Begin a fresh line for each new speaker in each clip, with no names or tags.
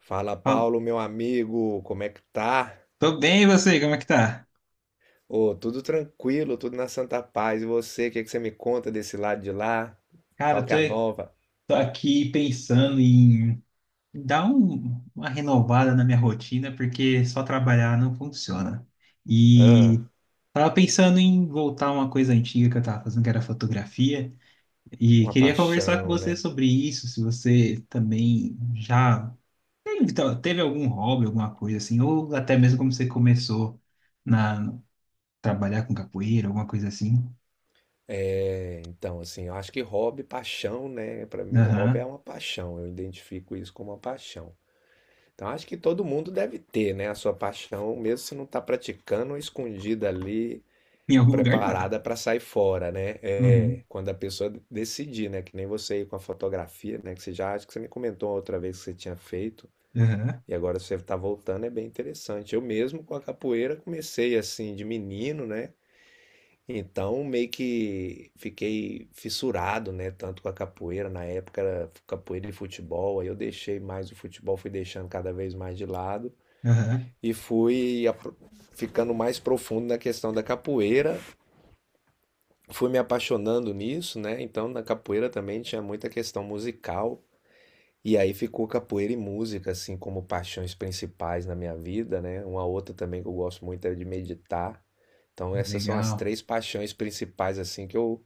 Fala,
Fala-
Paulo, meu amigo, como é que tá?
Tô bem, e você? Como é que tá?
Ô, tudo tranquilo, tudo na santa paz. E você, o que é que você me conta desse lado de lá?
Cara,
Qual
eu
que
tô,
é a nova?
tô aqui pensando em uma renovada na minha rotina, porque só trabalhar não funciona.
Ah,
E tava pensando em voltar a uma coisa antiga que eu tava fazendo, que era fotografia, e
uma
queria conversar com
paixão,
você
né?
sobre isso, se você também já teve, então, teve algum hobby, alguma coisa assim, ou até mesmo como você começou na trabalhar com capoeira, alguma coisa assim.
É, então, assim, eu acho que hobby, paixão, né? Pra mim, o hobby é
Aham.
uma paixão. Eu identifico isso como uma paixão. Então, acho que todo mundo deve ter, né, a sua paixão, mesmo se não tá praticando, escondida ali,
Em algum lugar tá.
preparada para sair fora, né? É,
Uhum.
quando a pessoa decidir, né? Que nem você aí com a fotografia, né? Que você já acho que você me comentou outra vez que você tinha feito
Aham,
e agora você está voltando, é bem interessante. Eu mesmo com a capoeira comecei assim de menino, né? Então meio que fiquei fissurado, né? Tanto com a capoeira na época era capoeira e futebol. Aí eu deixei mais o futebol, fui deixando cada vez mais de lado
aham,
e ficando mais profundo na questão da capoeira, fui me apaixonando nisso, né? Então na capoeira também tinha muita questão musical. E aí ficou capoeira e música, assim, como paixões principais na minha vida, né? Uma outra também que eu gosto muito é de meditar. Então essas são as
legal.
três paixões principais, assim,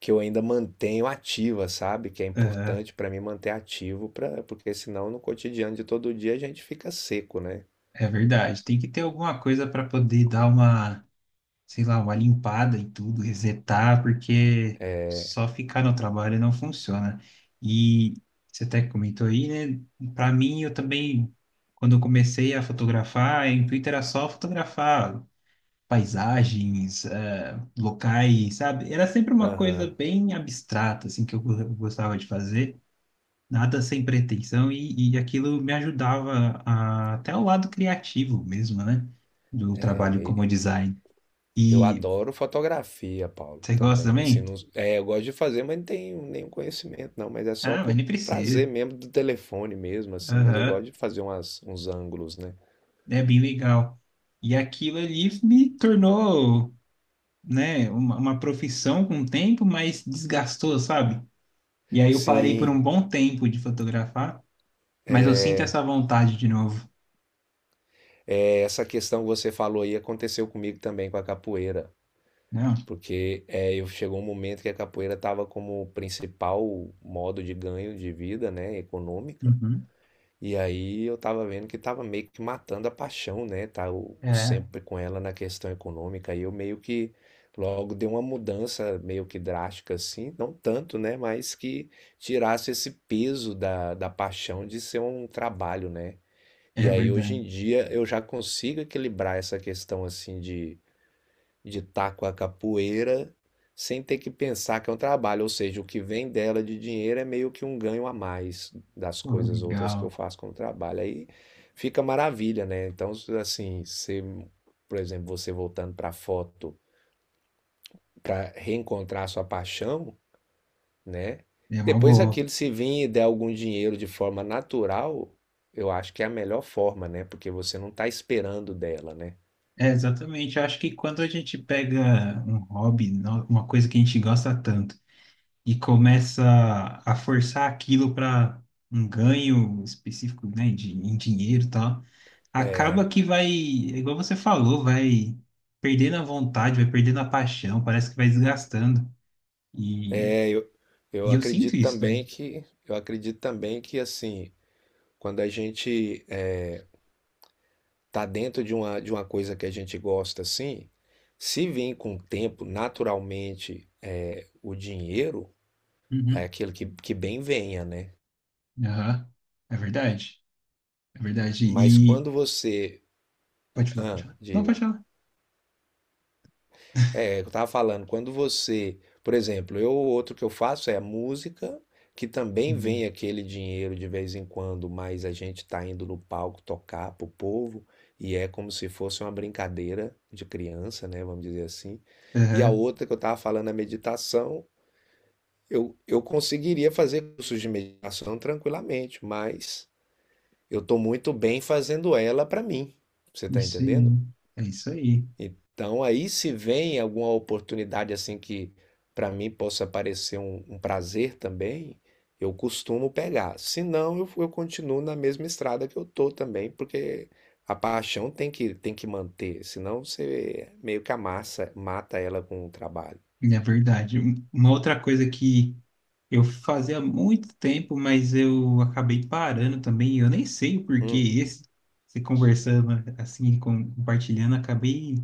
que eu ainda mantenho ativa, sabe? Que é
Aham,
importante pra mim manter ativo, pra, porque senão no cotidiano de todo dia a gente fica seco, né?
é verdade. Tem que ter alguma coisa para poder dar uma, sei lá, uma limpada em tudo, resetar, porque só ficar no trabalho não funciona. E você até comentou aí, né? Para mim, eu também, quando eu comecei a fotografar, o intuito era só fotografar paisagens, locais, sabe? Era sempre uma coisa
Aham.
bem abstrata, assim, que gostava de fazer. Nada sem pretensão e aquilo me ajudava a, até o lado criativo mesmo, né? Do trabalho como design.
Eu
E
adoro fotografia, Paulo,
você gosta
também. Assim,
também?
não, é, eu gosto de fazer, mas não tenho nenhum conhecimento, não. Mas é só
Ah, mas
por
nem
prazer
precisa.
mesmo do telefone mesmo, assim. Mas eu
Aham,
gosto de fazer umas, uns ângulos, né?
é bem legal. E aquilo ali me tornou, né, uma profissão com o tempo, mas desgastou, sabe? E aí eu parei por
Sim,
um bom tempo de fotografar, mas eu sinto essa vontade de novo.
é, essa questão que você falou aí aconteceu comigo também com a capoeira.
Não?
Porque é, eu chegou um momento que a capoeira estava como principal modo de ganho de vida, né, econômica.
Uhum.
E aí eu tava vendo que tava meio que matando a paixão, né?
É,
Sempre com ela na questão econômica. E eu meio que logo dei uma mudança meio que drástica assim, não tanto, né? Mas que tirasse esse peso da paixão de ser um trabalho, né? E
é
aí hoje
verdade.
em dia eu já consigo equilibrar essa questão assim de estar com a capoeira sem ter que pensar que é um trabalho, ou seja, o que vem dela de dinheiro é meio que um ganho a mais das
Pô,
coisas outras que eu
legal.
faço como trabalho. Aí fica maravilha, né? Então, assim, se, por exemplo, você voltando para a foto para reencontrar a sua paixão, né?
É uma
Depois
boa.
aquilo se vir e der algum dinheiro de forma natural, eu acho que é a melhor forma, né? Porque você não está esperando dela, né?
É, exatamente. Eu acho que quando a gente pega um hobby, uma coisa que a gente gosta tanto, e começa a forçar aquilo para um ganho específico, né, de, em dinheiro e tal, acaba que vai, é igual você falou, vai perdendo a vontade, vai perdendo a paixão, parece que vai desgastando. E,
É, eu
e eu sinto
acredito
isso
também
também.
que assim, quando a gente está dentro de uma coisa que a gente gosta assim, se vem com o tempo naturalmente é, o dinheiro, é
Uhum.
aquilo que bem venha, né?
Aham. É verdade. É verdade.
Mas
E.
quando você,
Pode falar, pode
ah,
falar. Não, pode
diga.
falar.
É, eu estava falando, quando você, por exemplo, eu outro que eu faço é a música, que também vem
Uhum.
aquele dinheiro de vez em quando, mas a gente está indo no palco tocar pro povo e é como se fosse uma brincadeira de criança, né, vamos dizer assim. E a outra que eu estava falando, a meditação, eu conseguiria fazer cursos de meditação tranquilamente, mas eu estou muito bem fazendo ela para mim. Você está
Isso
entendendo?
aí. É isso aí.
Então aí se vem alguma oportunidade assim que para mim possa parecer um prazer também, eu costumo pegar. Se não, eu continuo na mesma estrada que eu tô também, porque a paixão tem que manter, senão você meio que amassa, mata ela com o trabalho.
É verdade. Uma outra coisa que eu fazia há muito tempo, mas eu acabei parando também, eu nem sei o porquê
Hum,
esse, se conversando assim, compartilhando, acabei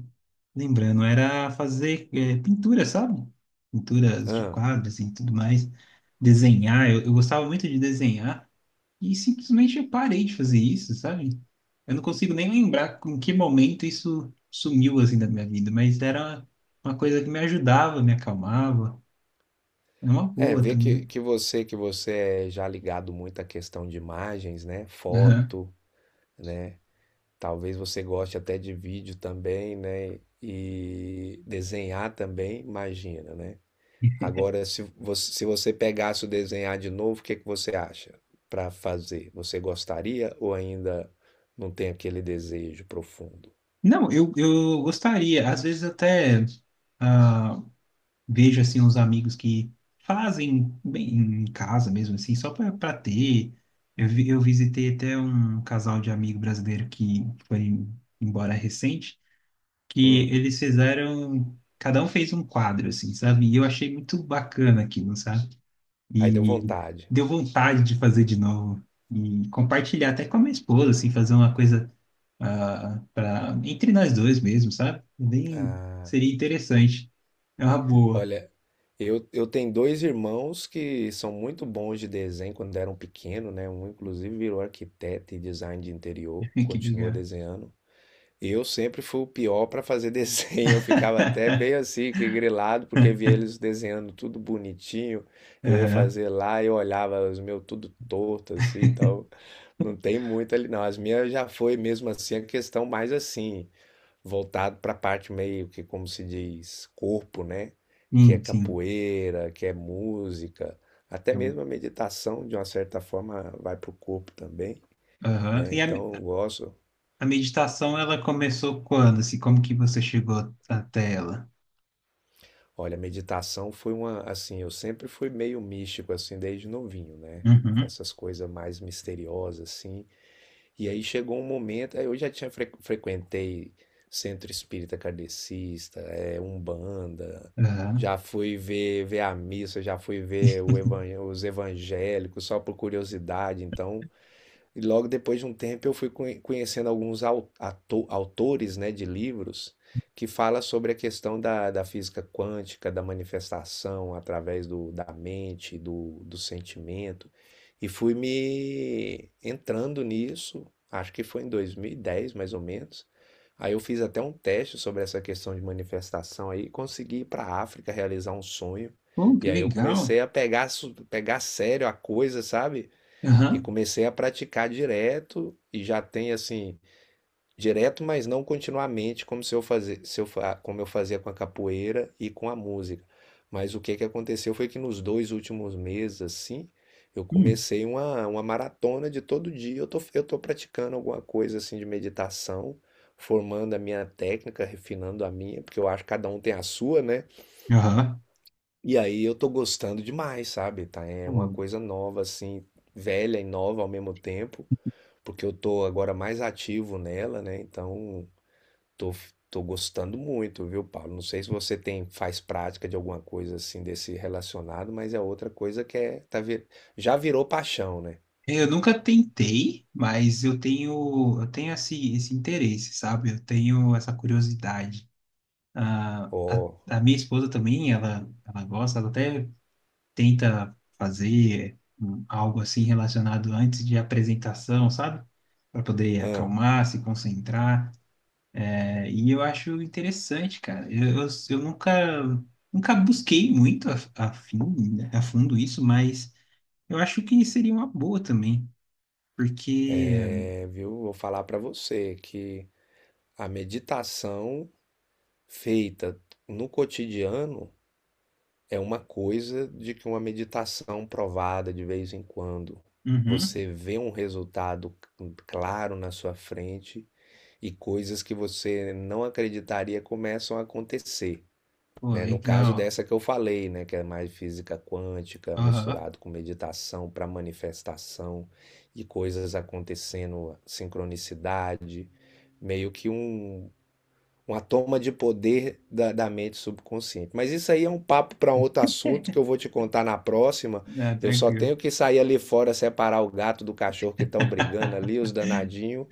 lembrando, era fazer pintura, sabe? Pinturas de
ah.
quadros e tudo mais, desenhar, eu gostava muito de desenhar, e simplesmente eu parei de fazer isso, sabe? Eu não consigo nem lembrar em que momento isso sumiu assim da minha vida, mas era uma coisa que me ajudava, me acalmava. É uma
É,
boa
ver
também.
que você é já ligado muito à questão de imagens, né?
Né? Aham.
Foto, né? Talvez você goste até de vídeo também, né? E desenhar também, imagina, né? Agora, se você pegasse o desenhar de novo, o que que você acha para fazer? Você gostaria ou ainda não tem aquele desejo profundo?
Não, eu gostaria. Às vezes até ah, vejo assim uns amigos que fazem bem em casa mesmo assim, só para ter. Eu visitei até um casal de amigo brasileiro que foi embora recente.
Hum,
Que eles fizeram, cada um fez um quadro, assim, sabe? E eu achei muito bacana aquilo, sabe?
aí deu
E
vontade.
deu vontade de fazer de novo e compartilhar até com a minha esposa, assim, fazer uma coisa ah, para entre nós dois mesmo, sabe? É bem,
Ah,
seria interessante. É uma boa.
olha, eu tenho dois irmãos que são muito bons de desenho quando eram pequenos, né? Um, inclusive, virou arquiteto e design de interior,
Que
continua
legal.
desenhando. Eu sempre fui o pior para fazer desenho. Eu ficava até bem assim, que grilado, porque via eles desenhando tudo bonitinho. Eu ia
Aham.
fazer lá, eu olhava os meus tudo torto assim, então não tem muito ali não. As minhas já foi mesmo assim a questão mais assim, voltado para a parte meio que como se diz, corpo, né? Que é
Sim, sim.
capoeira, que é música, até
Eu-
mesmo a meditação de uma certa forma vai pro corpo também,
aham.
né?
E
Então eu gosto.
a meditação, ela começou quando, assim, como que você chegou até ela?
Olha, meditação foi uma, assim, eu sempre fui meio místico, assim, desde novinho, né? Com
Uhum.
essas coisas mais misteriosas, assim. E aí chegou um momento, aí eu já tinha frequentei centro espírita kardecista, é, Umbanda,
Aham.
já fui ver, ver a missa, já fui ver os evangélicos só por curiosidade. Então, e logo depois de um tempo eu fui conhecendo alguns autores, né, de livros que fala sobre a questão da física quântica, da manifestação através da mente, do sentimento. E fui me entrando nisso, acho que foi em 2010, mais ou menos. Aí eu fiz até um teste sobre essa questão de manifestação aí, consegui ir para a África realizar um sonho.
Oh, que
E aí eu
legal.
comecei a pegar, pegar sério a coisa, sabe? E
Aham.
comecei a praticar direto e já tem assim, direto, mas não continuamente, como se eu fazer, se eu, fa- como eu fazia com a capoeira e com a música. Mas o que que aconteceu foi que nos dois últimos meses, assim, eu
Hum.
comecei uma maratona de todo dia. Eu tô praticando alguma coisa assim de meditação, formando a minha técnica, refinando a minha, porque eu acho que cada um tem a sua, né?
Aham.
E aí eu tô gostando demais, sabe? Tá, é uma
Pô,
coisa nova, assim, velha e nova ao mesmo tempo, porque eu tô agora mais ativo nela, né? Então, tô, tô gostando muito, viu, Paulo? Não sei se você tem faz prática de alguma coisa assim desse relacionado, mas é outra coisa que já virou paixão, né?
eu nunca tentei, mas eu tenho esse, esse interesse, sabe? Eu tenho essa curiosidade. Ah,
Ó,
a minha esposa também, ela gosta, ela até tenta fazer algo assim relacionado antes de apresentação, sabe? Para poder acalmar, se concentrar. É, e eu acho interessante, cara. Eu nunca, nunca busquei muito fim, né, a fundo isso, mas eu acho que seria uma boa também, porque.
é, viu? Vou falar pra você que a meditação feita no cotidiano é uma coisa de que uma meditação provada de vez em quando,
Uhum.
você vê um resultado claro na sua frente e coisas que você não acreditaria começam a acontecer,
Pô,
né? No caso
legal.
dessa que eu falei, né, que é mais física quântica
Aham.
misturado com meditação para manifestação e coisas acontecendo, sincronicidade, meio que uma toma de poder da mente subconsciente. Mas isso aí é um papo para um outro assunto que eu vou te contar na próxima.
Ah,
Eu só
tranquilo.
tenho que sair ali fora, separar o gato do cachorro que estão brigando ali, os danadinhos,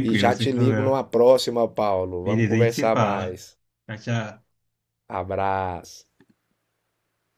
e já
sem
te ligo
problema.
numa próxima, Paulo. Vamos
Beleza, a gente se
conversar
fala.
mais.
Tchau, tchau.
Abraço.